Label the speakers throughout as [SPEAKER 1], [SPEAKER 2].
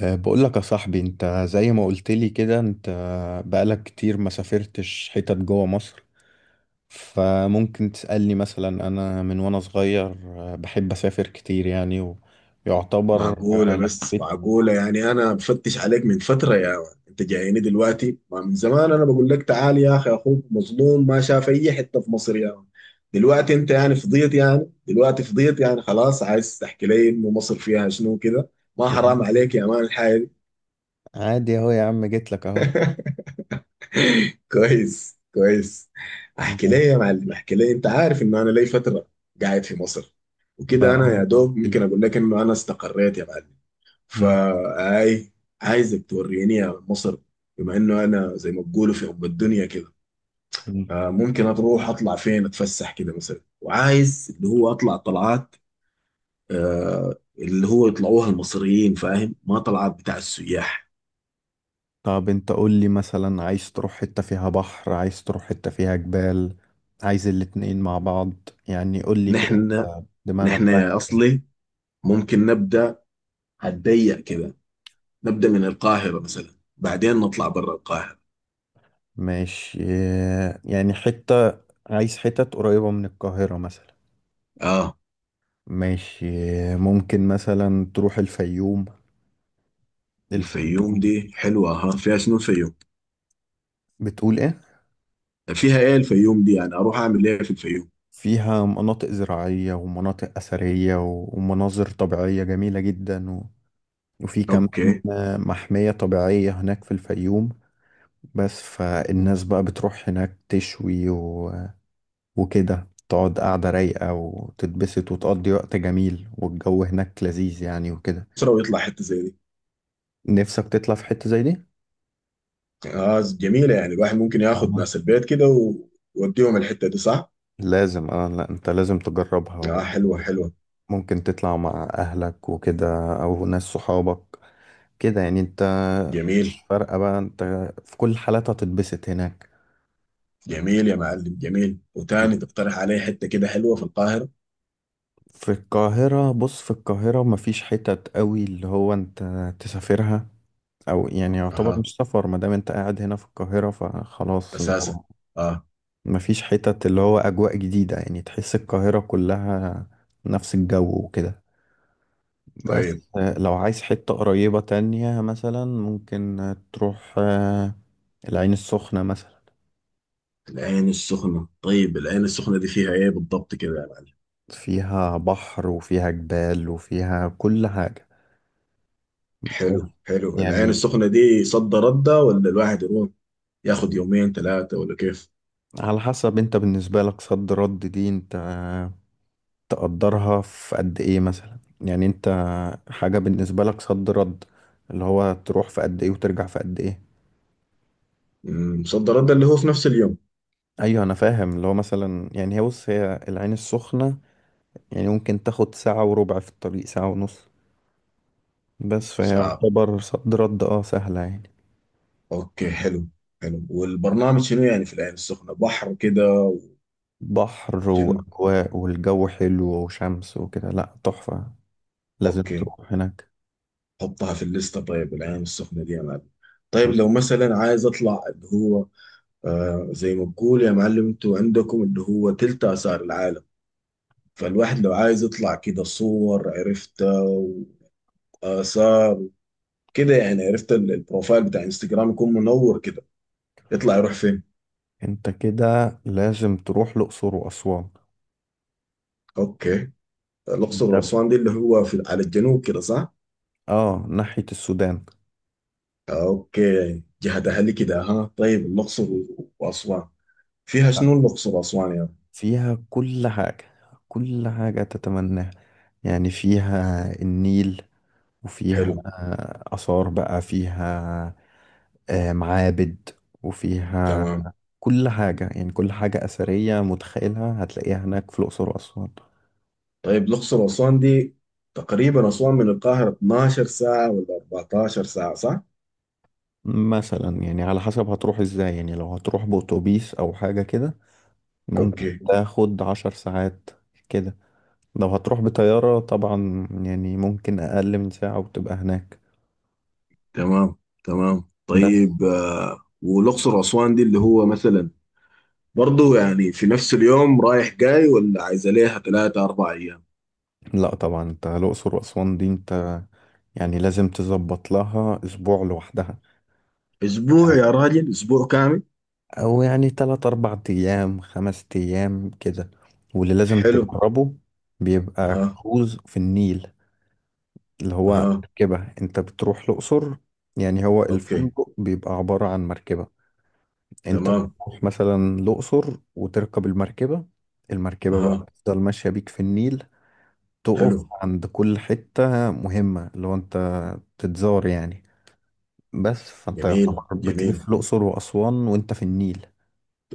[SPEAKER 1] بقول لك يا صاحبي، انت زي ما قلت لي كده، انت بقالك كتير ما سافرتش حتت جوه مصر. فممكن تسألني مثلا، انا من وانا صغير بحب اسافر كتير يعني. ويعتبر
[SPEAKER 2] معقولة بس
[SPEAKER 1] لفيت.
[SPEAKER 2] معقولة، يعني أنا بفتش عليك من فترة يا مان. أنت جايني دلوقتي ما من زمان، أنا بقول لك تعال يا أخي، أخوك مظلوم ما شاف أي حتة في مصر يا مان. دلوقتي أنت يعني فضيت، يعني دلوقتي فضيت يعني خلاص عايز تحكي لي إنه مصر فيها شنو كده؟ ما حرام
[SPEAKER 1] يعني
[SPEAKER 2] عليك يا مان الحاجة دي.
[SPEAKER 1] عادي اهو يا عم، جيت لك اهو.
[SPEAKER 2] كويس كويس. أحكي لي
[SPEAKER 1] ما
[SPEAKER 2] يا معلم، أحكي لي. أنت عارف إنه أنا لي فترة قاعد في مصر، وكده أنا يا
[SPEAKER 1] قلت
[SPEAKER 2] دوب ممكن
[SPEAKER 1] لي.
[SPEAKER 2] أقول لك إنه أنا استقريت يا معلم.
[SPEAKER 1] مم،
[SPEAKER 2] فاي، عايزك توريني مصر بما انه انا زي ما بقولوا في ام الدنيا كده.
[SPEAKER 1] مم.
[SPEAKER 2] ممكن اروح اطلع فين اتفسح كده مثلا، وعايز اللي هو اطلع طلعات، اللي هو يطلعوها المصريين، فاهم، ما طلعات بتاع السياح.
[SPEAKER 1] طب انت قول لي، مثلا عايز تروح حتة فيها بحر، عايز تروح حتة فيها جبال، عايز الاتنين مع بعض؟ يعني قول لي كده،
[SPEAKER 2] نحن
[SPEAKER 1] أنت دماغك
[SPEAKER 2] نحن يا
[SPEAKER 1] رايحة فين.
[SPEAKER 2] اصلي ممكن نبدا، هتضيق كده. نبدا من القاهره مثلا، بعدين نطلع برا القاهره.
[SPEAKER 1] ماشي. يعني عايز حتت قريبة من القاهرة مثلا.
[SPEAKER 2] اه.
[SPEAKER 1] ماشي. ممكن مثلا تروح الفيوم.
[SPEAKER 2] الفيوم
[SPEAKER 1] الفيوم
[SPEAKER 2] دي حلوه، ها، فيها شنو الفيوم؟
[SPEAKER 1] بتقول ايه؟
[SPEAKER 2] فيها ايه الفيوم دي، يعني اروح اعمل ايه في الفيوم؟
[SPEAKER 1] فيها مناطق زراعية ومناطق أثرية ومناظر طبيعية جميلة جدا، وفي كمان
[SPEAKER 2] اوكي.
[SPEAKER 1] محمية طبيعية هناك في الفيوم. بس فالناس بقى بتروح هناك تشوي، وكده تقعد قاعدة رايقة وتتبسط وتقضي وقت جميل، والجو هناك لذيذ يعني، وكده.
[SPEAKER 2] اسره ويطلع حته زي دي.
[SPEAKER 1] نفسك تطلع في حتة زي دي.
[SPEAKER 2] اه جميله، يعني الواحد ممكن ياخد ناس
[SPEAKER 1] آه.
[SPEAKER 2] البيت كده ويوديهم الحته دي، صح؟
[SPEAKER 1] لازم. اه لا، انت لازم تجربها،
[SPEAKER 2] اه حلوه حلوه.
[SPEAKER 1] وممكن تطلع مع اهلك وكده، او ناس صحابك كده. يعني انت
[SPEAKER 2] جميل
[SPEAKER 1] فرقة بقى، انت في كل حالات هتتبسط هناك.
[SPEAKER 2] جميل يا معلم، جميل. وتاني تقترح عليه حته كده حلوه في القاهره؟
[SPEAKER 1] في القاهرة، بص، في القاهرة مفيش حتت قوي اللي هو انت تسافرها. او يعني يعتبر
[SPEAKER 2] اها،
[SPEAKER 1] مش سفر، ما دام انت قاعد هنا في القاهرة فخلاص اللي
[SPEAKER 2] اساسا،
[SPEAKER 1] هو
[SPEAKER 2] اه.
[SPEAKER 1] مفيش حتت اللي هو اجواء جديدة. يعني تحس القاهرة كلها نفس الجو، وكده. بس
[SPEAKER 2] طيب
[SPEAKER 1] لو عايز حتة قريبة تانية مثلا، ممكن تروح العين السخنة مثلا.
[SPEAKER 2] العين السخنه. طيب العين السخنه دي فيها ايه بالضبط كده يا معلم؟
[SPEAKER 1] فيها بحر، وفيها جبال، وفيها كل حاجة. بس
[SPEAKER 2] حلو حلو. العين
[SPEAKER 1] يعني
[SPEAKER 2] السخنه دي صد رده ولا الواحد يروح ياخد يومين ثلاثه ولا كيف؟
[SPEAKER 1] على حسب انت، بالنسبة لك صد رد دي انت تقدرها في قد ايه مثلا. يعني انت حاجة بالنسبة لك صد رد، اللي هو تروح في قد ايه وترجع في قد ايه.
[SPEAKER 2] صد رده اللي هو في نفس اليوم.
[SPEAKER 1] ايوه انا فاهم، اللي هو مثلا يعني هي، بص، هي العين السخنة يعني ممكن تاخد ساعة وربع في الطريق، ساعة ونص. بس فهي
[SPEAKER 2] صح.
[SPEAKER 1] يعتبر صد رد، اه، سهلة يعني.
[SPEAKER 2] اوكي حلو. حلو، والبرنامج شنو يعني في العين السخنه، بحر كده؟
[SPEAKER 1] بحر
[SPEAKER 2] شنو؟
[SPEAKER 1] وأجواء والجو حلو وشمس وكده، لأ تحفة، لازم
[SPEAKER 2] اوكي،
[SPEAKER 1] تروح هناك.
[SPEAKER 2] حطها في الليسته طيب العين السخنه دي يا معلم. طيب لو مثلا عايز اطلع اللي هو، زي ما بقول يا معلم، انتوا عندكم اللي هو تلت اثار العالم، فالواحد لو عايز يطلع كده صور، عرفت، واثار كده، يعني عرفت، البروفايل بتاع انستجرام يكون منور كده، يطلع يروح فين؟
[SPEAKER 1] انت كده لازم تروح الأقصر وأسوان.
[SPEAKER 2] اوكي. الاقصر
[SPEAKER 1] ده،
[SPEAKER 2] واسوان دي اللي هو في على الجنوب كده، صح؟
[SPEAKER 1] اه ناحية السودان.
[SPEAKER 2] اوكي جهة اهلي كده ها. طيب الاقصر واسوان، فيها شنو الاقصر واسوان يا؟
[SPEAKER 1] فيها كل حاجة، كل حاجة تتمناها، يعني فيها النيل، وفيها
[SPEAKER 2] حلو.
[SPEAKER 1] آثار بقى، فيها معابد، وفيها
[SPEAKER 2] تمام.
[SPEAKER 1] كل حاجة. يعني كل حاجة أثرية متخيلها هتلاقيها هناك في الأقصر وأسوان.
[SPEAKER 2] طيب الاقصر واسوان دي، تقريبا اسوان من القاهرة 12 ساعة ولا 14 ساعة، صح؟
[SPEAKER 1] مثلا يعني على حسب هتروح ازاي. يعني لو هتروح بأتوبيس أو حاجة كده ممكن
[SPEAKER 2] اوكي
[SPEAKER 1] تاخد 10 ساعات كده. لو هتروح بطيارة طبعا يعني ممكن أقل من ساعة وتبقى هناك.
[SPEAKER 2] تمام تمام.
[SPEAKER 1] بس
[SPEAKER 2] طيب والاقصر واسوان دي اللي هو مثلا، برضو يعني في نفس اليوم رايح جاي ولا عايزة ليها ثلاثة أربع أيام؟
[SPEAKER 1] لا طبعا، انت الأقصر وأسوان دي انت يعني لازم تظبط لها أسبوع لوحدها،
[SPEAKER 2] أسبوع؟ يا راجل أسبوع كامل؟
[SPEAKER 1] او يعني 3 4 ايام 5 ايام كده. واللي لازم
[SPEAKER 2] حلو.
[SPEAKER 1] تجربه بيبقى
[SPEAKER 2] ها.
[SPEAKER 1] كروز في النيل، اللي هو
[SPEAKER 2] ها.
[SPEAKER 1] مركبة انت بتروح الاقصر. يعني هو
[SPEAKER 2] اوكي.
[SPEAKER 1] الفندق بيبقى عبارة عن مركبة. انت
[SPEAKER 2] تمام.
[SPEAKER 1] بتروح مثلا الاقصر وتركب المركبة. المركبة بقى
[SPEAKER 2] ها.
[SPEAKER 1] بتفضل ماشية بيك في النيل، تقف
[SPEAKER 2] حلو.
[SPEAKER 1] عند كل حتة مهمة اللي هو انت تتزار يعني. بس فانت
[SPEAKER 2] جميل
[SPEAKER 1] يعتبر
[SPEAKER 2] جميل.
[SPEAKER 1] بتلف الاقصر واسوان وانت في النيل.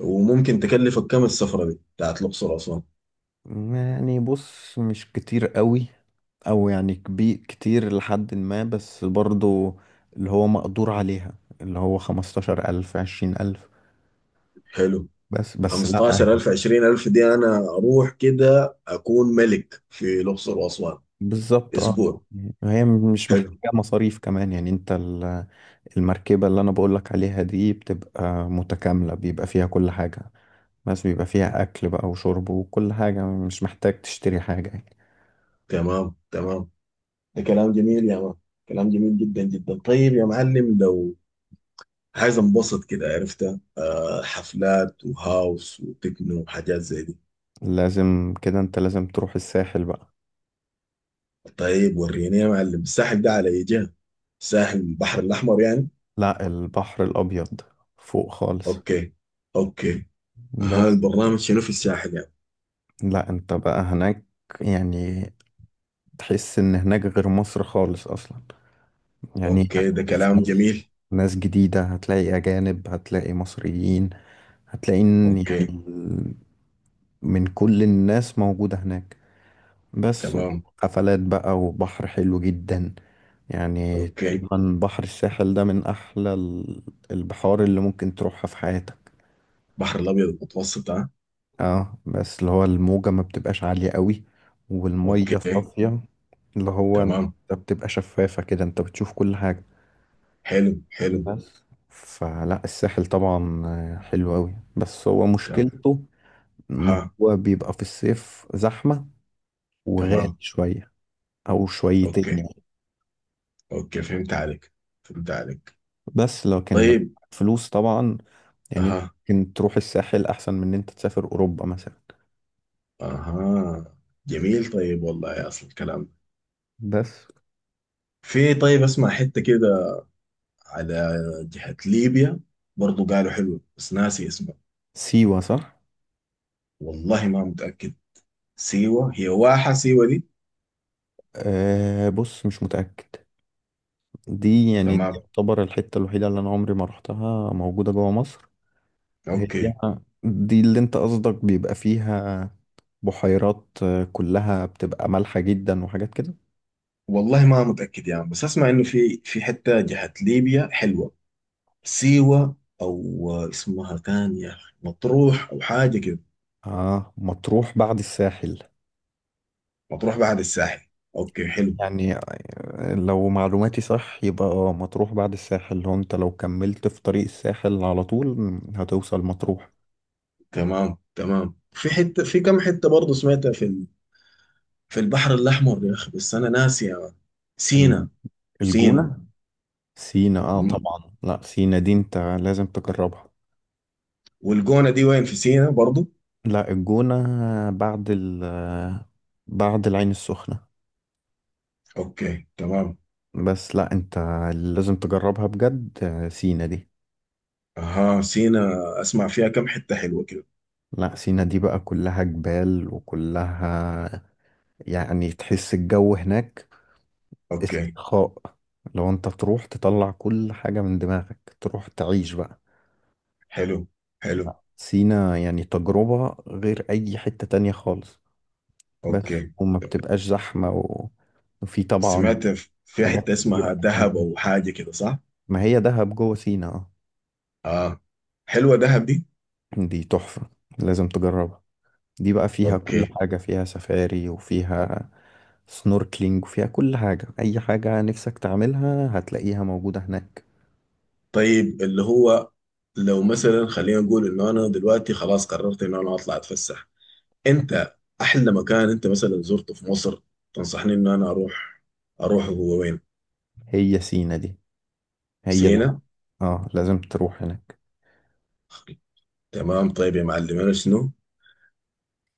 [SPEAKER 2] وممكن تكلفك كم السفرة دي بتاعت الأقصر أسوان؟
[SPEAKER 1] يعني بص، مش كتير قوي. او يعني كبير كتير لحد ما، بس برضو اللي هو مقدور عليها، اللي هو 15000 20000.
[SPEAKER 2] حلو.
[SPEAKER 1] بس لا يعني.
[SPEAKER 2] 15000 20000 دي أنا أروح كده أكون ملك في الأقصر وأسوان
[SPEAKER 1] بالظبط،
[SPEAKER 2] أسبوع.
[SPEAKER 1] يعني هي مش
[SPEAKER 2] حلو.
[SPEAKER 1] محتاجة مصاريف كمان. يعني انت المركبة اللي انا بقولك عليها دي بتبقى متكاملة، بيبقى فيها كل حاجة، بس بيبقى فيها اكل بقى وشرب وكل حاجة، مش محتاج تشتري حاجة يعني.
[SPEAKER 2] تمام تمام، ده كلام جميل يا مان، كلام جميل جدا جدا. طيب يا معلم، لو عايز انبسط كده، عرفت، حفلات وهاوس وتكنو وحاجات زي دي.
[SPEAKER 1] لازم كده، انت لازم تروح الساحل بقى.
[SPEAKER 2] طيب وريني يا معلم الساحل ده على ايه جهة، الساحل البحر الأحمر يعني؟
[SPEAKER 1] لا، البحر الأبيض، فوق خالص.
[SPEAKER 2] أوكي. اوكي. ها،
[SPEAKER 1] بس
[SPEAKER 2] البرنامج شنو في الساحل يعني؟
[SPEAKER 1] لا، انت بقى هناك يعني تحس ان هناك غير مصر خالص اصلا. يعني
[SPEAKER 2] اوكي، ده
[SPEAKER 1] هتشوف
[SPEAKER 2] كلام
[SPEAKER 1] ناس،
[SPEAKER 2] جميل.
[SPEAKER 1] ناس جديدة، هتلاقي اجانب، هتلاقي مصريين، هتلاقي إن يعني
[SPEAKER 2] اوكي.
[SPEAKER 1] من كل الناس موجودة هناك. بس
[SPEAKER 2] تمام.
[SPEAKER 1] حفلات بقى، وبحر حلو جدا. يعني
[SPEAKER 2] اوكي.
[SPEAKER 1] تقريبا بحر الساحل ده من احلى البحار اللي ممكن تروحها في حياتك.
[SPEAKER 2] بحر الابيض المتوسط ها.
[SPEAKER 1] اه، بس اللي هو الموجة ما بتبقاش عالية قوي، والمية
[SPEAKER 2] اوكي.
[SPEAKER 1] صافية، اللي هو انت
[SPEAKER 2] تمام.
[SPEAKER 1] بتبقى شفافة كده، انت بتشوف كل حاجة.
[SPEAKER 2] حلو حلو.
[SPEAKER 1] بس فلا، الساحل طبعا حلو قوي، بس هو
[SPEAKER 2] تمام.
[SPEAKER 1] مشكلته ان
[SPEAKER 2] ها.
[SPEAKER 1] هو بيبقى في الصيف زحمة وغالي
[SPEAKER 2] تمام.
[SPEAKER 1] شوية، او شويتين
[SPEAKER 2] اوكي.
[SPEAKER 1] يعني.
[SPEAKER 2] اوكي فهمت عليك، فهمت عليك.
[SPEAKER 1] بس لكن لو
[SPEAKER 2] طيب.
[SPEAKER 1] معاك فلوس طبعا، يعني انت
[SPEAKER 2] اها.
[SPEAKER 1] ممكن تروح الساحل احسن من ان انت تسافر اوروبا مثلا.
[SPEAKER 2] اها. جميل. طيب والله يا اصل الكلام،
[SPEAKER 1] بس،
[SPEAKER 2] طيب اسمع حتة كده على جهة ليبيا برضو قالوا حلو بس ناسي اسمه.
[SPEAKER 1] سيوة، صح؟
[SPEAKER 2] والله ما متأكد. سيوة، هي واحة سيوة دي.
[SPEAKER 1] أه بص، مش متأكد. دي يعني دي
[SPEAKER 2] تمام.
[SPEAKER 1] يعتبر الحتة الوحيدة اللي أنا عمري ما روحتها موجودة جوا مصر. هي
[SPEAKER 2] اوكي.
[SPEAKER 1] دي اللي أنت قصدك، بيبقى فيها بحيرات كلها بتبقى مالحة جدا، وحاجات كده.
[SPEAKER 2] والله ما متأكد يعني، بس أسمع إنه في حتة جهة ليبيا حلوة. سيوة أو اسمها تانية، مطروح أو حاجة كده.
[SPEAKER 1] آه، مطروح بعد الساحل.
[SPEAKER 2] مطروح بعد الساحل؟ أوكي حلو.
[SPEAKER 1] يعني لو معلوماتي صح يبقى آه مطروح بعد الساحل، لو أنت لو كملت في طريق الساحل على طول هتوصل مطروح.
[SPEAKER 2] تمام تمام، في حتة في كم حتة برضه سمعتها في في البحر الأحمر يا أخي بس أنا ناسي يا مان.
[SPEAKER 1] ال-
[SPEAKER 2] سينا. سينا.
[SPEAKER 1] الجونة. سينا،
[SPEAKER 2] مم.
[SPEAKER 1] طبعا، لا سينا دي أنت لازم تجربها.
[SPEAKER 2] والجونة دي وين، في سينا برضه؟
[SPEAKER 1] لا، الجونة بعد ال بعد العين السخنة.
[SPEAKER 2] أوكي تمام.
[SPEAKER 1] بس لا، انت لازم تجربها بجد، سينا دي.
[SPEAKER 2] أها سينا، أسمع فيها كم حتة حلوة كده.
[SPEAKER 1] لا، سينا دي بقى كلها جبال، وكلها يعني تحس الجو هناك
[SPEAKER 2] أوكي.
[SPEAKER 1] استرخاء. لو انت تروح تطلع كل حاجة من دماغك، تروح تعيش بقى.
[SPEAKER 2] حلو حلو.
[SPEAKER 1] سينا يعني تجربة غير أي حتة تانية خالص. بس
[SPEAKER 2] أوكي.
[SPEAKER 1] وما بتبقاش زحمة، وفي طبعا
[SPEAKER 2] سمعت في
[SPEAKER 1] حاجات
[SPEAKER 2] حتة اسمها
[SPEAKER 1] كتيرة.
[SPEAKER 2] دهب أو حاجة كده، صح؟
[SPEAKER 1] ما هي دهب جوه سينا، اه.
[SPEAKER 2] آه. حلوة دهب دي؟
[SPEAKER 1] دي تحفة، لازم تجربها. دي بقى فيها كل
[SPEAKER 2] أوكي.
[SPEAKER 1] حاجة، فيها سفاري، وفيها سنوركلينج، وفيها كل حاجة. أي حاجة نفسك تعملها هتلاقيها موجودة هناك.
[SPEAKER 2] طيب اللي هو لو مثلا خلينا نقول إنه أنا دلوقتي خلاص قررت إنه أنا أطلع أتفسح، أنت أحلى مكان أنت مثلا زرته في مصر تنصحني إن أنا أروح، أروح هو وين؟
[SPEAKER 1] هي سينا دي. هي ده،
[SPEAKER 2] سينا؟
[SPEAKER 1] اه لازم تروح هناك.
[SPEAKER 2] تمام. طيب يا معلم أنا شنو؟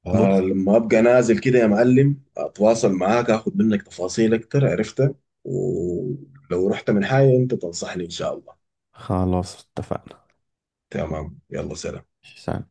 [SPEAKER 1] بص،
[SPEAKER 2] لما أبقى نازل كده يا معلم أتواصل معاك، أخذ منك تفاصيل أكتر، عرفتها، ولو رحت من حاجة أنت تنصحني، إن شاء الله.
[SPEAKER 1] خلاص اتفقنا.
[SPEAKER 2] تمام. يلا سلام.
[SPEAKER 1] سلام.